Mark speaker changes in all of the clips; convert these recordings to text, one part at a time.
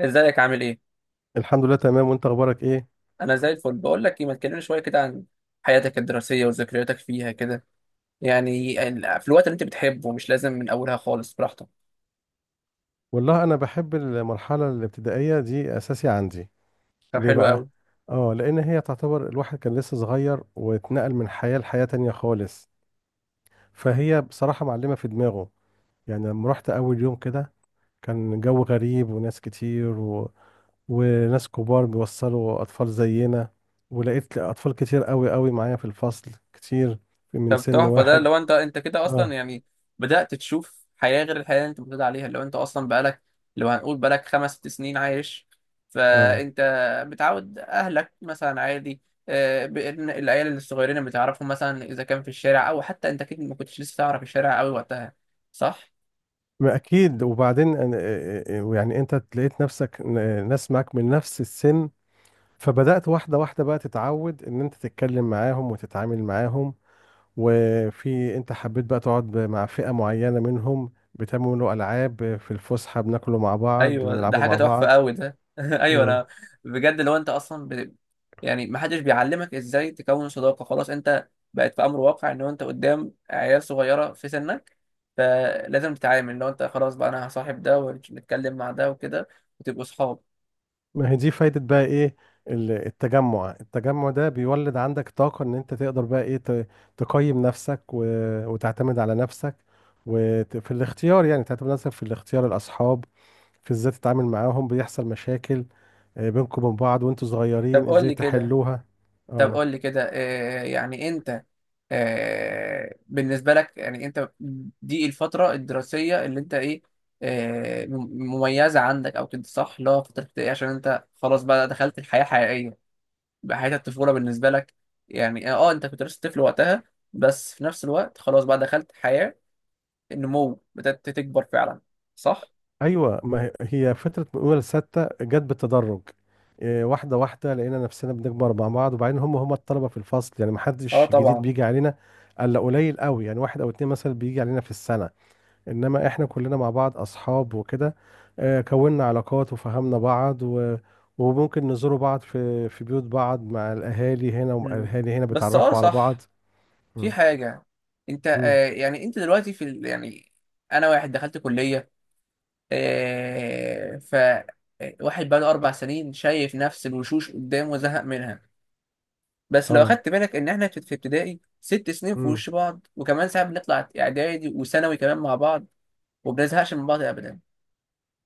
Speaker 1: ازيك عامل ايه؟
Speaker 2: الحمد لله تمام، وانت اخبارك ايه؟
Speaker 1: انا زي الفل، بقول لك ايه، ما تكلمني شويه كده عن حياتك الدراسيه وذكرياتك فيها كده، يعني في الوقت اللي انت بتحبه، مش لازم من اولها خالص، براحتك.
Speaker 2: والله انا بحب المرحله الابتدائيه دي اساسي عندي.
Speaker 1: طب
Speaker 2: ليه
Speaker 1: حلو
Speaker 2: بقى؟
Speaker 1: قوي.
Speaker 2: اه، لان هي تعتبر الواحد كان لسه صغير واتنقل من حياه لحياه تانية خالص، فهي بصراحه معلمه في دماغه. يعني لما رحت اول يوم كده كان جو غريب وناس كتير وناس كبار بيوصلوا اطفال زينا، ولقيت اطفال كتير قوي قوي معايا في الفصل كتير، من
Speaker 1: طب
Speaker 2: سن
Speaker 1: تحفه ده،
Speaker 2: واحد.
Speaker 1: لو انت كده اصلا،
Speaker 2: اه.
Speaker 1: يعني بدات تشوف حياه غير الحياه اللي انت متعود عليها، لو انت اصلا بقالك، لو هنقول بقالك 5 6 سنين عايش،
Speaker 2: اه.
Speaker 1: فانت متعود اهلك مثلا عادي. بإن العيال الصغيرين اللي بتعرفهم مثلا، اذا كان في الشارع، او حتى انت اكيد ما كنتش لسه تعرف الشارع قوي وقتها، صح؟
Speaker 2: ما اكيد. يعني انت لقيت نفسك ناس معاك من نفس السن، فبدأت واحدة واحدة بقى تتعود ان انت تتكلم معاهم وتتعامل معاهم، وفي انت حبيت بقى تقعد مع فئة معينة منهم، بتعملوا العاب في الفسحة، بناكلوا مع بعض،
Speaker 1: ايوه ده
Speaker 2: بنلعبوا
Speaker 1: حاجه
Speaker 2: مع
Speaker 1: تحفه
Speaker 2: بعض.
Speaker 1: قوي ده. ايوه
Speaker 2: إمم.
Speaker 1: انا بجد، لو انت اصلا يعني ما حدش بيعلمك ازاي تكون صداقه، خلاص انت بقت في امر واقع ان انت قدام عيال صغيره في سنك، فلازم تتعامل، لو انت خلاص بقى انا هصاحب ده ونتكلم مع ده وكده وتبقوا صحاب.
Speaker 2: ما هي دي فايدة بقى ايه؟ التجمع ده بيولد عندك طاقة ان انت تقدر بقى ايه تقيم نفسك وتعتمد على نفسك، وفي الاختيار، يعني تعتمد على نفسك في الاختيار الأصحاب، في ازاي تتعامل معاهم، بيحصل مشاكل بينكم وبين بعض وانتوا
Speaker 1: طب
Speaker 2: صغيرين
Speaker 1: قول
Speaker 2: ازاي
Speaker 1: لي كده
Speaker 2: تحلوها.
Speaker 1: طب
Speaker 2: اه
Speaker 1: قول لي كده يعني انت، بالنسبه لك يعني انت دي الفتره الدراسيه اللي انت ايه، آه، م- مميزه عندك او كده، صح؟ اللي هو فتره ابتدائي عشان انت خلاص بقى دخلت الحياه حقيقيه، بقى حياه الطفوله بالنسبه لك. يعني اه، انت كنت لسه طفل وقتها، بس في نفس الوقت خلاص بقى دخلت حياه النمو، بدات تكبر فعلا، صح؟
Speaker 2: ايوه، ما هي هي فتره من اولى لسته جت بالتدرج. إيه، واحده واحده لقينا نفسنا بنكبر مع بعض، وبعدين هم الطلبه في الفصل، يعني ما
Speaker 1: اه
Speaker 2: حدش جديد
Speaker 1: طبعا.
Speaker 2: بيجي علينا الا قليل قوي، يعني واحد او اتنين مثلا بيجي علينا في السنه، انما احنا كلنا مع بعض اصحاب وكده، كوننا علاقات وفهمنا بعض وممكن نزوروا بعض في بيوت بعض، مع الاهالي، هنا
Speaker 1: مم.
Speaker 2: والاهالي هنا
Speaker 1: بس اه
Speaker 2: بيتعرفوا على
Speaker 1: صح.
Speaker 2: بعض.
Speaker 1: في
Speaker 2: مم.
Speaker 1: حاجة، انت
Speaker 2: مم.
Speaker 1: آه يعني انت دلوقتي في يعني انا واحد دخلت كلية، آه ف آه، واحد بقاله 4 سنين شايف نفس الوشوش قدامه وزهق منها، بس لو
Speaker 2: اه.
Speaker 1: اخدت بالك ان احنا في ابتدائي 6 سنين في
Speaker 2: مم.
Speaker 1: وش بعض، وكمان ساعات بنطلع اعدادي وثانوي كمان مع بعض وبنزهقش من بعض ابدا،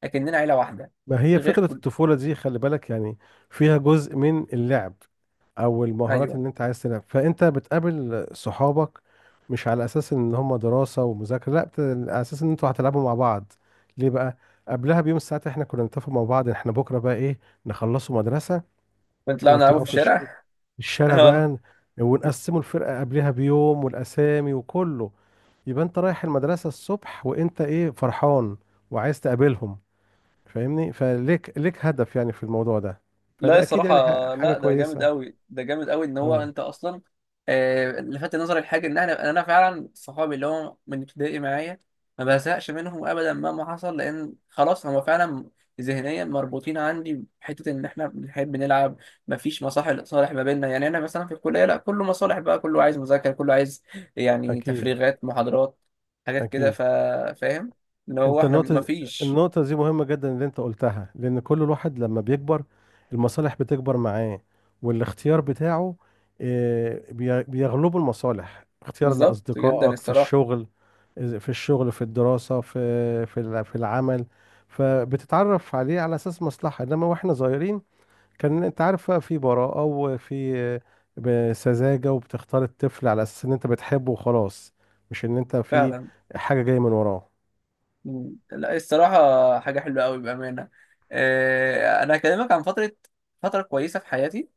Speaker 1: اكننا عيلة واحدة،
Speaker 2: ما هي
Speaker 1: غير
Speaker 2: فتره
Speaker 1: كل...
Speaker 2: الطفوله دي خلي بالك، يعني فيها جزء من اللعب او المهارات
Speaker 1: ايوه،
Speaker 2: اللي انت عايز تلعب، فانت بتقابل صحابك مش على اساس ان هم دراسة ومذاكرة، لا على اساس ان انتوا هتلعبوا مع بعض. ليه بقى؟ قبلها بيوم الساعات احنا كنا نتفق مع بعض، احنا بكرة بقى ايه، نخلصوا مدرسة
Speaker 1: بنطلع نلعبوا في
Speaker 2: ونطلعوا في
Speaker 1: الشارع.
Speaker 2: الشارع
Speaker 1: اه.
Speaker 2: بقى، ونقسموا الفرقة قبلها بيوم والاسامي وكله، يبقى انت رايح المدرسة الصبح وانت ايه فرحان وعايز تقابلهم، فاهمني فليك ليك هدف يعني في الموضوع ده،
Speaker 1: لا
Speaker 2: فده اكيد
Speaker 1: الصراحة،
Speaker 2: يعني حاجة
Speaker 1: لا ده جامد
Speaker 2: كويسة.
Speaker 1: قوي، ده جامد قوي، ان هو
Speaker 2: اه
Speaker 1: انت اصلا، لفت نظري الحاجة ان احنا، انا فعلا صحابي اللي هم من ابتدائي معايا، ما بزهقش منهم ابدا مهما حصل، لان خلاص هم فعلا ذهنيا مربوطين عندي بحتة ان احنا بنحب نلعب، مفيش مصالح صالح ما بيننا. يعني انا مثلا في الكلية لا، كله مصالح بقى، كله عايز مذاكرة، كله عايز يعني
Speaker 2: اكيد،
Speaker 1: تفريغات محاضرات، حاجات كده
Speaker 2: اكيد.
Speaker 1: فاهم، اللي هو
Speaker 2: انت
Speaker 1: احنا
Speaker 2: النقطه،
Speaker 1: مفيش...
Speaker 2: النقطه دي مهمه جدا اللي انت قلتها، لان كل الواحد لما بيكبر المصالح بتكبر معاه، والاختيار بتاعه، بيغلبه المصالح، اختيار
Speaker 1: بالظبط جدا،
Speaker 2: لاصدقائك في
Speaker 1: الصراحة.
Speaker 2: الشغل، في الشغل، في الدراسه، في العمل، فبتتعرف عليه على اساس مصلحه، انما واحنا صغيرين كان انت عارف بقى في براءه وفي سذاجه، وبتختار الطفل على اساس ان انت بتحبه وخلاص، مش ان انت في
Speaker 1: فعلا.
Speaker 2: حاجه جايه من وراه.
Speaker 1: مم. لا الصراحة حاجة حلوة أوي بأمانة. أنا هكلمك عن فترة، فترة كويسة في حياتي،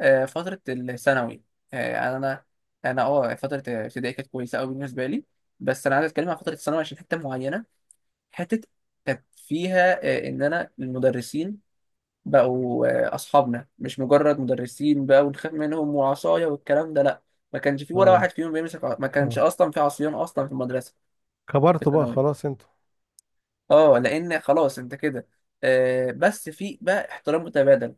Speaker 1: فترة الثانوي. آه، يعني أنا أنا أه فترة ابتدائي كانت كويسة أوي بالنسبة لي، بس أنا عايز أتكلم عن فترة الثانوي عشان حتة معينة، حتة كانت فيها إن أنا المدرسين بقوا أصحابنا، مش مجرد مدرسين بقى ونخاف منهم وعصاية والكلام ده، لأ. ما كانش في ولا
Speaker 2: اه.
Speaker 1: واحد فيهم بيمسك ما كانش
Speaker 2: اه.
Speaker 1: أصلا في عصيان أصلا في المدرسة. في
Speaker 2: كبرتوا بقى
Speaker 1: الثانوي
Speaker 2: خلاص انتوا.
Speaker 1: اه، لان خلاص انت كده بس في بقى احترام متبادل،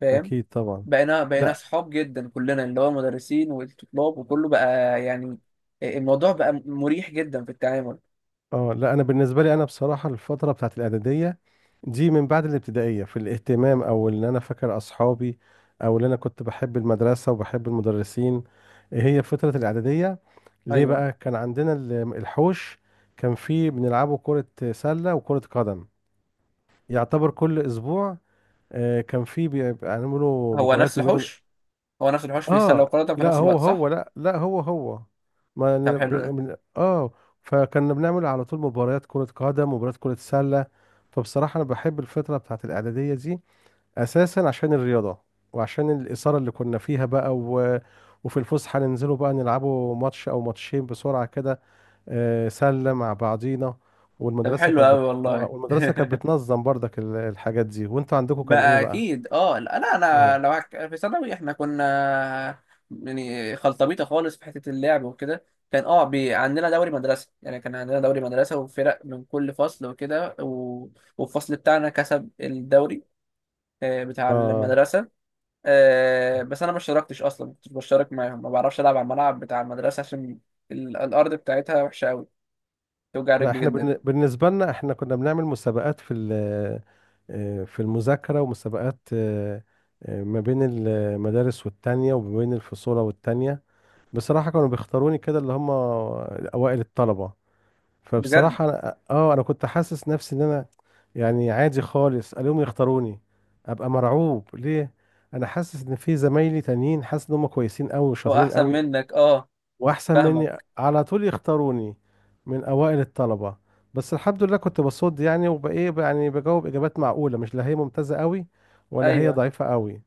Speaker 1: فاهم؟
Speaker 2: اكيد طبعا.
Speaker 1: بقينا
Speaker 2: لا.
Speaker 1: اصحاب جدا كلنا، اللي هو مدرسين والطلاب وكله بقى، يعني الموضوع بقى مريح جدا في التعامل.
Speaker 2: اه لا، انا بالنسبه لي انا بصراحه الفتره بتاعت الاعداديه دي من بعد الابتدائيه في الاهتمام، او ان انا فاكر اصحابي، او ان انا كنت بحب المدرسه وبحب المدرسين، هي فتره الاعداديه. ليه
Speaker 1: ايوه.
Speaker 2: بقى؟ كان عندنا الحوش، كان فيه بنلعبوا كره سله وكره قدم، يعتبر كل اسبوع كان فيه بيعملوا
Speaker 1: هو نفس
Speaker 2: مباريات ما بين.
Speaker 1: الحوش، هو نفس الحوش فيه سله
Speaker 2: اه
Speaker 1: وقدم في
Speaker 2: لا
Speaker 1: نفس
Speaker 2: هو
Speaker 1: الوقت، صح؟
Speaker 2: هو، لا لا هو هو، ما
Speaker 1: طب
Speaker 2: ن- ب-
Speaker 1: حلو ده.
Speaker 2: من اه فكنا بنعمل على طول مباريات كرة قدم ومباريات كرة سلة، فبصراحة انا بحب الفترة بتاعت الإعدادية دي اساسا عشان الرياضة، وعشان الإثارة اللي كنا فيها بقى وفي الفسحة ننزلوا بقى نلعبوا ماتش او ماتشين بسرعة كده، سلة مع بعضينا،
Speaker 1: طب حلو قوي والله.
Speaker 2: والمدرسة كانت بتنظم برضك الحاجات دي، وانتوا عندكم كان ايه
Speaker 1: بقى
Speaker 2: بقى؟
Speaker 1: اكيد اه، لا لا، انا
Speaker 2: اه.
Speaker 1: لو في ثانوي احنا كنا يعني خلطبيطه خالص في حته اللعب وكده. كان اه عندنا دوري مدرسه، يعني كان عندنا دوري مدرسه وفرق من كل فصل وكده و... والفصل بتاعنا كسب الدوري، بتاع
Speaker 2: اه.
Speaker 1: المدرسه. بس انا ما اشتركتش اصلا، ما كنتش بشترك معاهم، ما بعرفش العب على الملعب بتاع المدرسه عشان الارض بتاعتها وحشه قوي، توجع
Speaker 2: لا
Speaker 1: رجلي
Speaker 2: احنا
Speaker 1: جدا.
Speaker 2: بالنسبة لنا احنا كنا بنعمل مسابقات في المذاكرة، ومسابقات ما بين المدارس والتانية، وما بين الفصول والتانية، بصراحة كانوا بيختاروني كده، اللي هم أوائل الطلبة،
Speaker 1: بجد.
Speaker 2: فبصراحة انا كنت حاسس نفسي ان انا يعني عادي خالص، اليوم يختاروني ابقى مرعوب ليه، انا حاسس ان في زمايلي تانيين حاسس ان هم كويسين قوي
Speaker 1: هو
Speaker 2: وشاطرين
Speaker 1: احسن
Speaker 2: قوي،
Speaker 1: منك اه.
Speaker 2: واحسن مني،
Speaker 1: فاهمك.
Speaker 2: على طول يختاروني من اوائل الطلبه، بس الحمد لله كنت بصد يعني وبايه، يعني بجاوب اجابات معقوله، مش لا هي ممتازه قوي ولا هي
Speaker 1: ايوه
Speaker 2: ضعيفه قوي،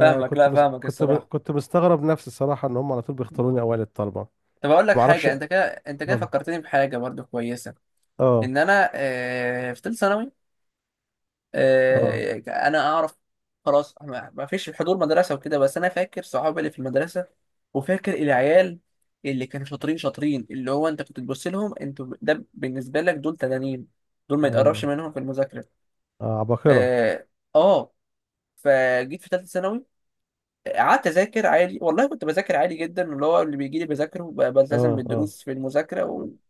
Speaker 1: فاهمك، لا
Speaker 2: مس...
Speaker 1: فاهمك
Speaker 2: كنت م...
Speaker 1: الصراحه.
Speaker 2: كنت مستغرب نفسي الصراحه ان هم على طول بيختاروني اوائل الطلبه.
Speaker 1: طب اقول لك
Speaker 2: ما اعرفش.
Speaker 1: حاجه، انت
Speaker 2: اه.
Speaker 1: كده انت كده فكرتني بحاجه برضو كويسه،
Speaker 2: اه.
Speaker 1: ان انا في ثالثه ثانوي،
Speaker 2: اه.
Speaker 1: انا اعرف خلاص، ما فيش حضور مدرسه وكده، بس انا فاكر صحابي اللي في المدرسه وفاكر العيال اللي كانوا شاطرين شاطرين، اللي هو انت كنت تبص لهم انتوا، ده بالنسبه لك دول تنانين، دول ما يتقربش منهم في المذاكره.
Speaker 2: اه، عباقره.
Speaker 1: اه. آه، فجيت في ثالثه ثانوي، قعدت اذاكر عادي والله، كنت بذاكر عادي جدا، اللي هو اللي بيجي لي بذاكره، بلتزم
Speaker 2: اه. اه.
Speaker 1: بالدروس في المذاكره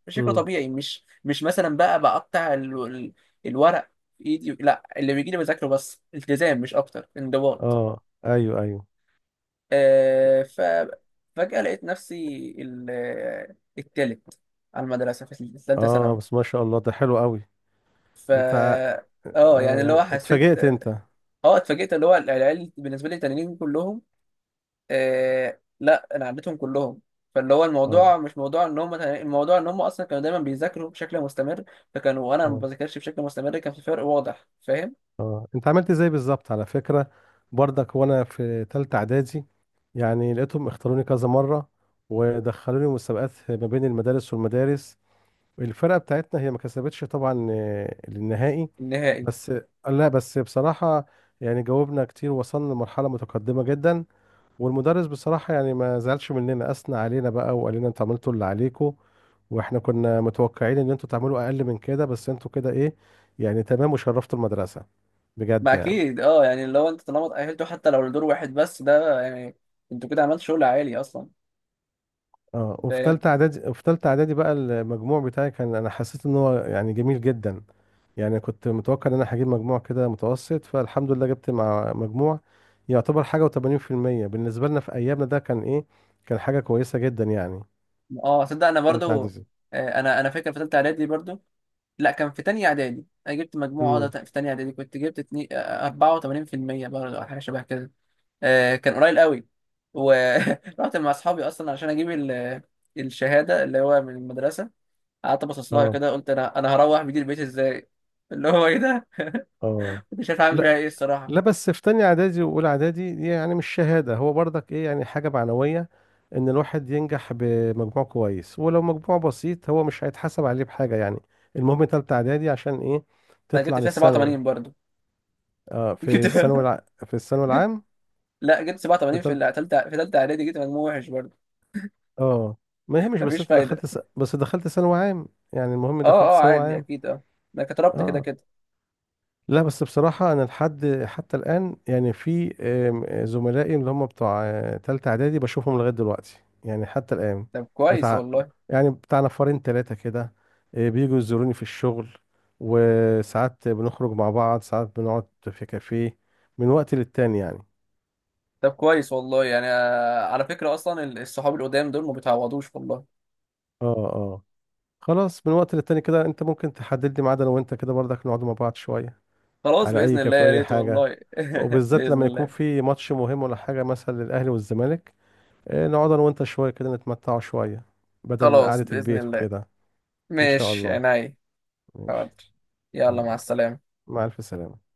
Speaker 1: وبشكل
Speaker 2: امم.
Speaker 1: طبيعي، مش مثلا بقى بقطع الورق في ايدي، لا اللي بيجي لي بذاكره بس، التزام مش اكتر، انضباط.
Speaker 2: اه ايوه، ايوه.
Speaker 1: آه ف فجأة لقيت نفسي ال... التالت على المدرسه في ثالثه
Speaker 2: اه
Speaker 1: ثانوي.
Speaker 2: بس ما شاء الله ده حلو قوي.
Speaker 1: ف
Speaker 2: انت ع-
Speaker 1: اه، يعني
Speaker 2: اه
Speaker 1: اللي هو
Speaker 2: يعني
Speaker 1: حسيت
Speaker 2: اتفاجئت
Speaker 1: اه
Speaker 2: انت.
Speaker 1: اتفاجئت، اللي هو العيال بالنسبه لي التانيين كلهم، آه لا انا عديتهم كلهم. فاللي هو
Speaker 2: اه.
Speaker 1: الموضوع مش موضوع ان هم، الموضوع ان هم اصلا كانوا دايما بيذاكروا بشكل مستمر، فكانوا وانا ما
Speaker 2: اه.
Speaker 1: بذاكرش بشكل مستمر، كان في فرق واضح، فاهم؟
Speaker 2: اه، انت عملت ازاي بالظبط؟ على فكرة برضك وانا في تالتة اعدادي يعني لقيتهم اختاروني كذا مرة، ودخلوني مسابقات ما بين المدارس والمدارس، الفرقة بتاعتنا هي ما كسبتش طبعا النهائي،
Speaker 1: النهائي.
Speaker 2: بس، لا بس بصراحة يعني جاوبنا كتير، وصلنا لمرحلة متقدمة جدا، والمدرس بصراحة يعني ما زعلش مننا، أثنى علينا بقى وقال لنا انتوا عملتوا اللي عليكم، واحنا كنا متوقعين ان انتوا تعملوا اقل من كده، بس انتوا كده ايه يعني تمام، وشرفتوا المدرسة
Speaker 1: ما
Speaker 2: بجد يعني.
Speaker 1: اكيد اه، يعني لو انت طالما اتأهلتوا حتى لو لدور واحد بس، ده يعني انتوا كده عملتوا شغل عالي اصلا،
Speaker 2: اه وفي
Speaker 1: فاهم.
Speaker 2: تالتة اعدادي، وفي تالتة اعدادي بقى المجموع بتاعي كان انا حسيت ان هو يعني جميل جدا، يعني كنت متوقع ان انا هجيب مجموع كده متوسط، فالحمد لله جبت مع مجموع يعتبر حاجة و80%، بالنسبة لنا في ايامنا ده كان ايه، كان حاجة كويسة جدا يعني،
Speaker 1: اه صدق انا
Speaker 2: تالتة
Speaker 1: برضو،
Speaker 2: اعدادي.
Speaker 1: انا فاكر في ثالثه اعدادي برضو، لا كان في تانية اعدادي انا جبت مجموعة
Speaker 2: امم.
Speaker 1: ده، في تانية اعدادي كنت جبت 84% برضو أو حاجة شبه كده، كان قليل قوي. ورحت مع اصحابي اصلا عشان اجيب الشهاده اللي هو من المدرسه، قعدت ابصص لها
Speaker 2: اه.
Speaker 1: كده قلت انا هروح بدي البيت ازاي، اللي هو ايه ده،
Speaker 2: اه
Speaker 1: مش عارف اعمل بيها ايه الصراحه.
Speaker 2: لا، بس في تانية اعدادي واولى اعدادي دي يعني مش شهادة، هو برضك ايه يعني حاجة معنوية ان الواحد ينجح بمجموع كويس، ولو مجموع بسيط هو مش هيتحسب عليه بحاجة يعني، المهم تالتة اعدادي عشان ايه،
Speaker 1: انا
Speaker 2: تطلع
Speaker 1: جبت فيها
Speaker 2: للثانوي.
Speaker 1: 87 برضو.
Speaker 2: اه
Speaker 1: جبت فيها
Speaker 2: في الثانوي
Speaker 1: جبت
Speaker 2: العام.
Speaker 1: لا جبت
Speaker 2: في
Speaker 1: 87 في
Speaker 2: تالت
Speaker 1: تالتة، في تالتة اعدادي جبت مجموع وحش برضو.
Speaker 2: اه ما هي مش بس
Speaker 1: مفيش
Speaker 2: انت
Speaker 1: فايده.
Speaker 2: دخلت بس دخلت ثانوي عام، يعني المهم
Speaker 1: اه
Speaker 2: دخلت
Speaker 1: اه
Speaker 2: ثانوي
Speaker 1: عادي
Speaker 2: عام.
Speaker 1: اكيد اه، انا كتربت كده
Speaker 2: اه
Speaker 1: كده.
Speaker 2: لا بس بصراحة أنا لحد حتى الآن يعني في زملائي اللي هم بتوع تالتة إعدادي بشوفهم لغاية دلوقتي يعني حتى الآن،
Speaker 1: طب كويس
Speaker 2: بتاع،
Speaker 1: والله.
Speaker 2: يعني بتاع نفرين تلاتة كده، بيجوا يزوروني في الشغل، وساعات بنخرج مع بعض، ساعات بنقعد في كافيه، من وقت للتاني يعني.
Speaker 1: طب كويس والله يعني، على فكره اصلا الصحاب القدام دول ما بيتعوضوش والله.
Speaker 2: اه. اه. خلاص، من وقت للتاني كده انت ممكن تحدد لي ميعاد، انا وانت كده برضك نقعد مع بعض شوية،
Speaker 1: خلاص
Speaker 2: على
Speaker 1: بإذن
Speaker 2: اي
Speaker 1: الله،
Speaker 2: كافيه
Speaker 1: يا
Speaker 2: اي
Speaker 1: ريت والله.
Speaker 2: حاجة، وبالذات
Speaker 1: بإذن
Speaker 2: لما يكون
Speaker 1: الله.
Speaker 2: في ماتش مهم ولا حاجة مثلا للأهلي والزمالك. نقعد انا وانت شويه كده نتمتعوا شويه بدل
Speaker 1: خلاص
Speaker 2: قعده
Speaker 1: بإذن
Speaker 2: البيت
Speaker 1: الله.
Speaker 2: وكده. ان شاء
Speaker 1: ماشي
Speaker 2: الله.
Speaker 1: عينيا.
Speaker 2: ماشي.
Speaker 1: حاضر.
Speaker 2: مع
Speaker 1: يلا مع السلامة.
Speaker 2: مع الف سلامه.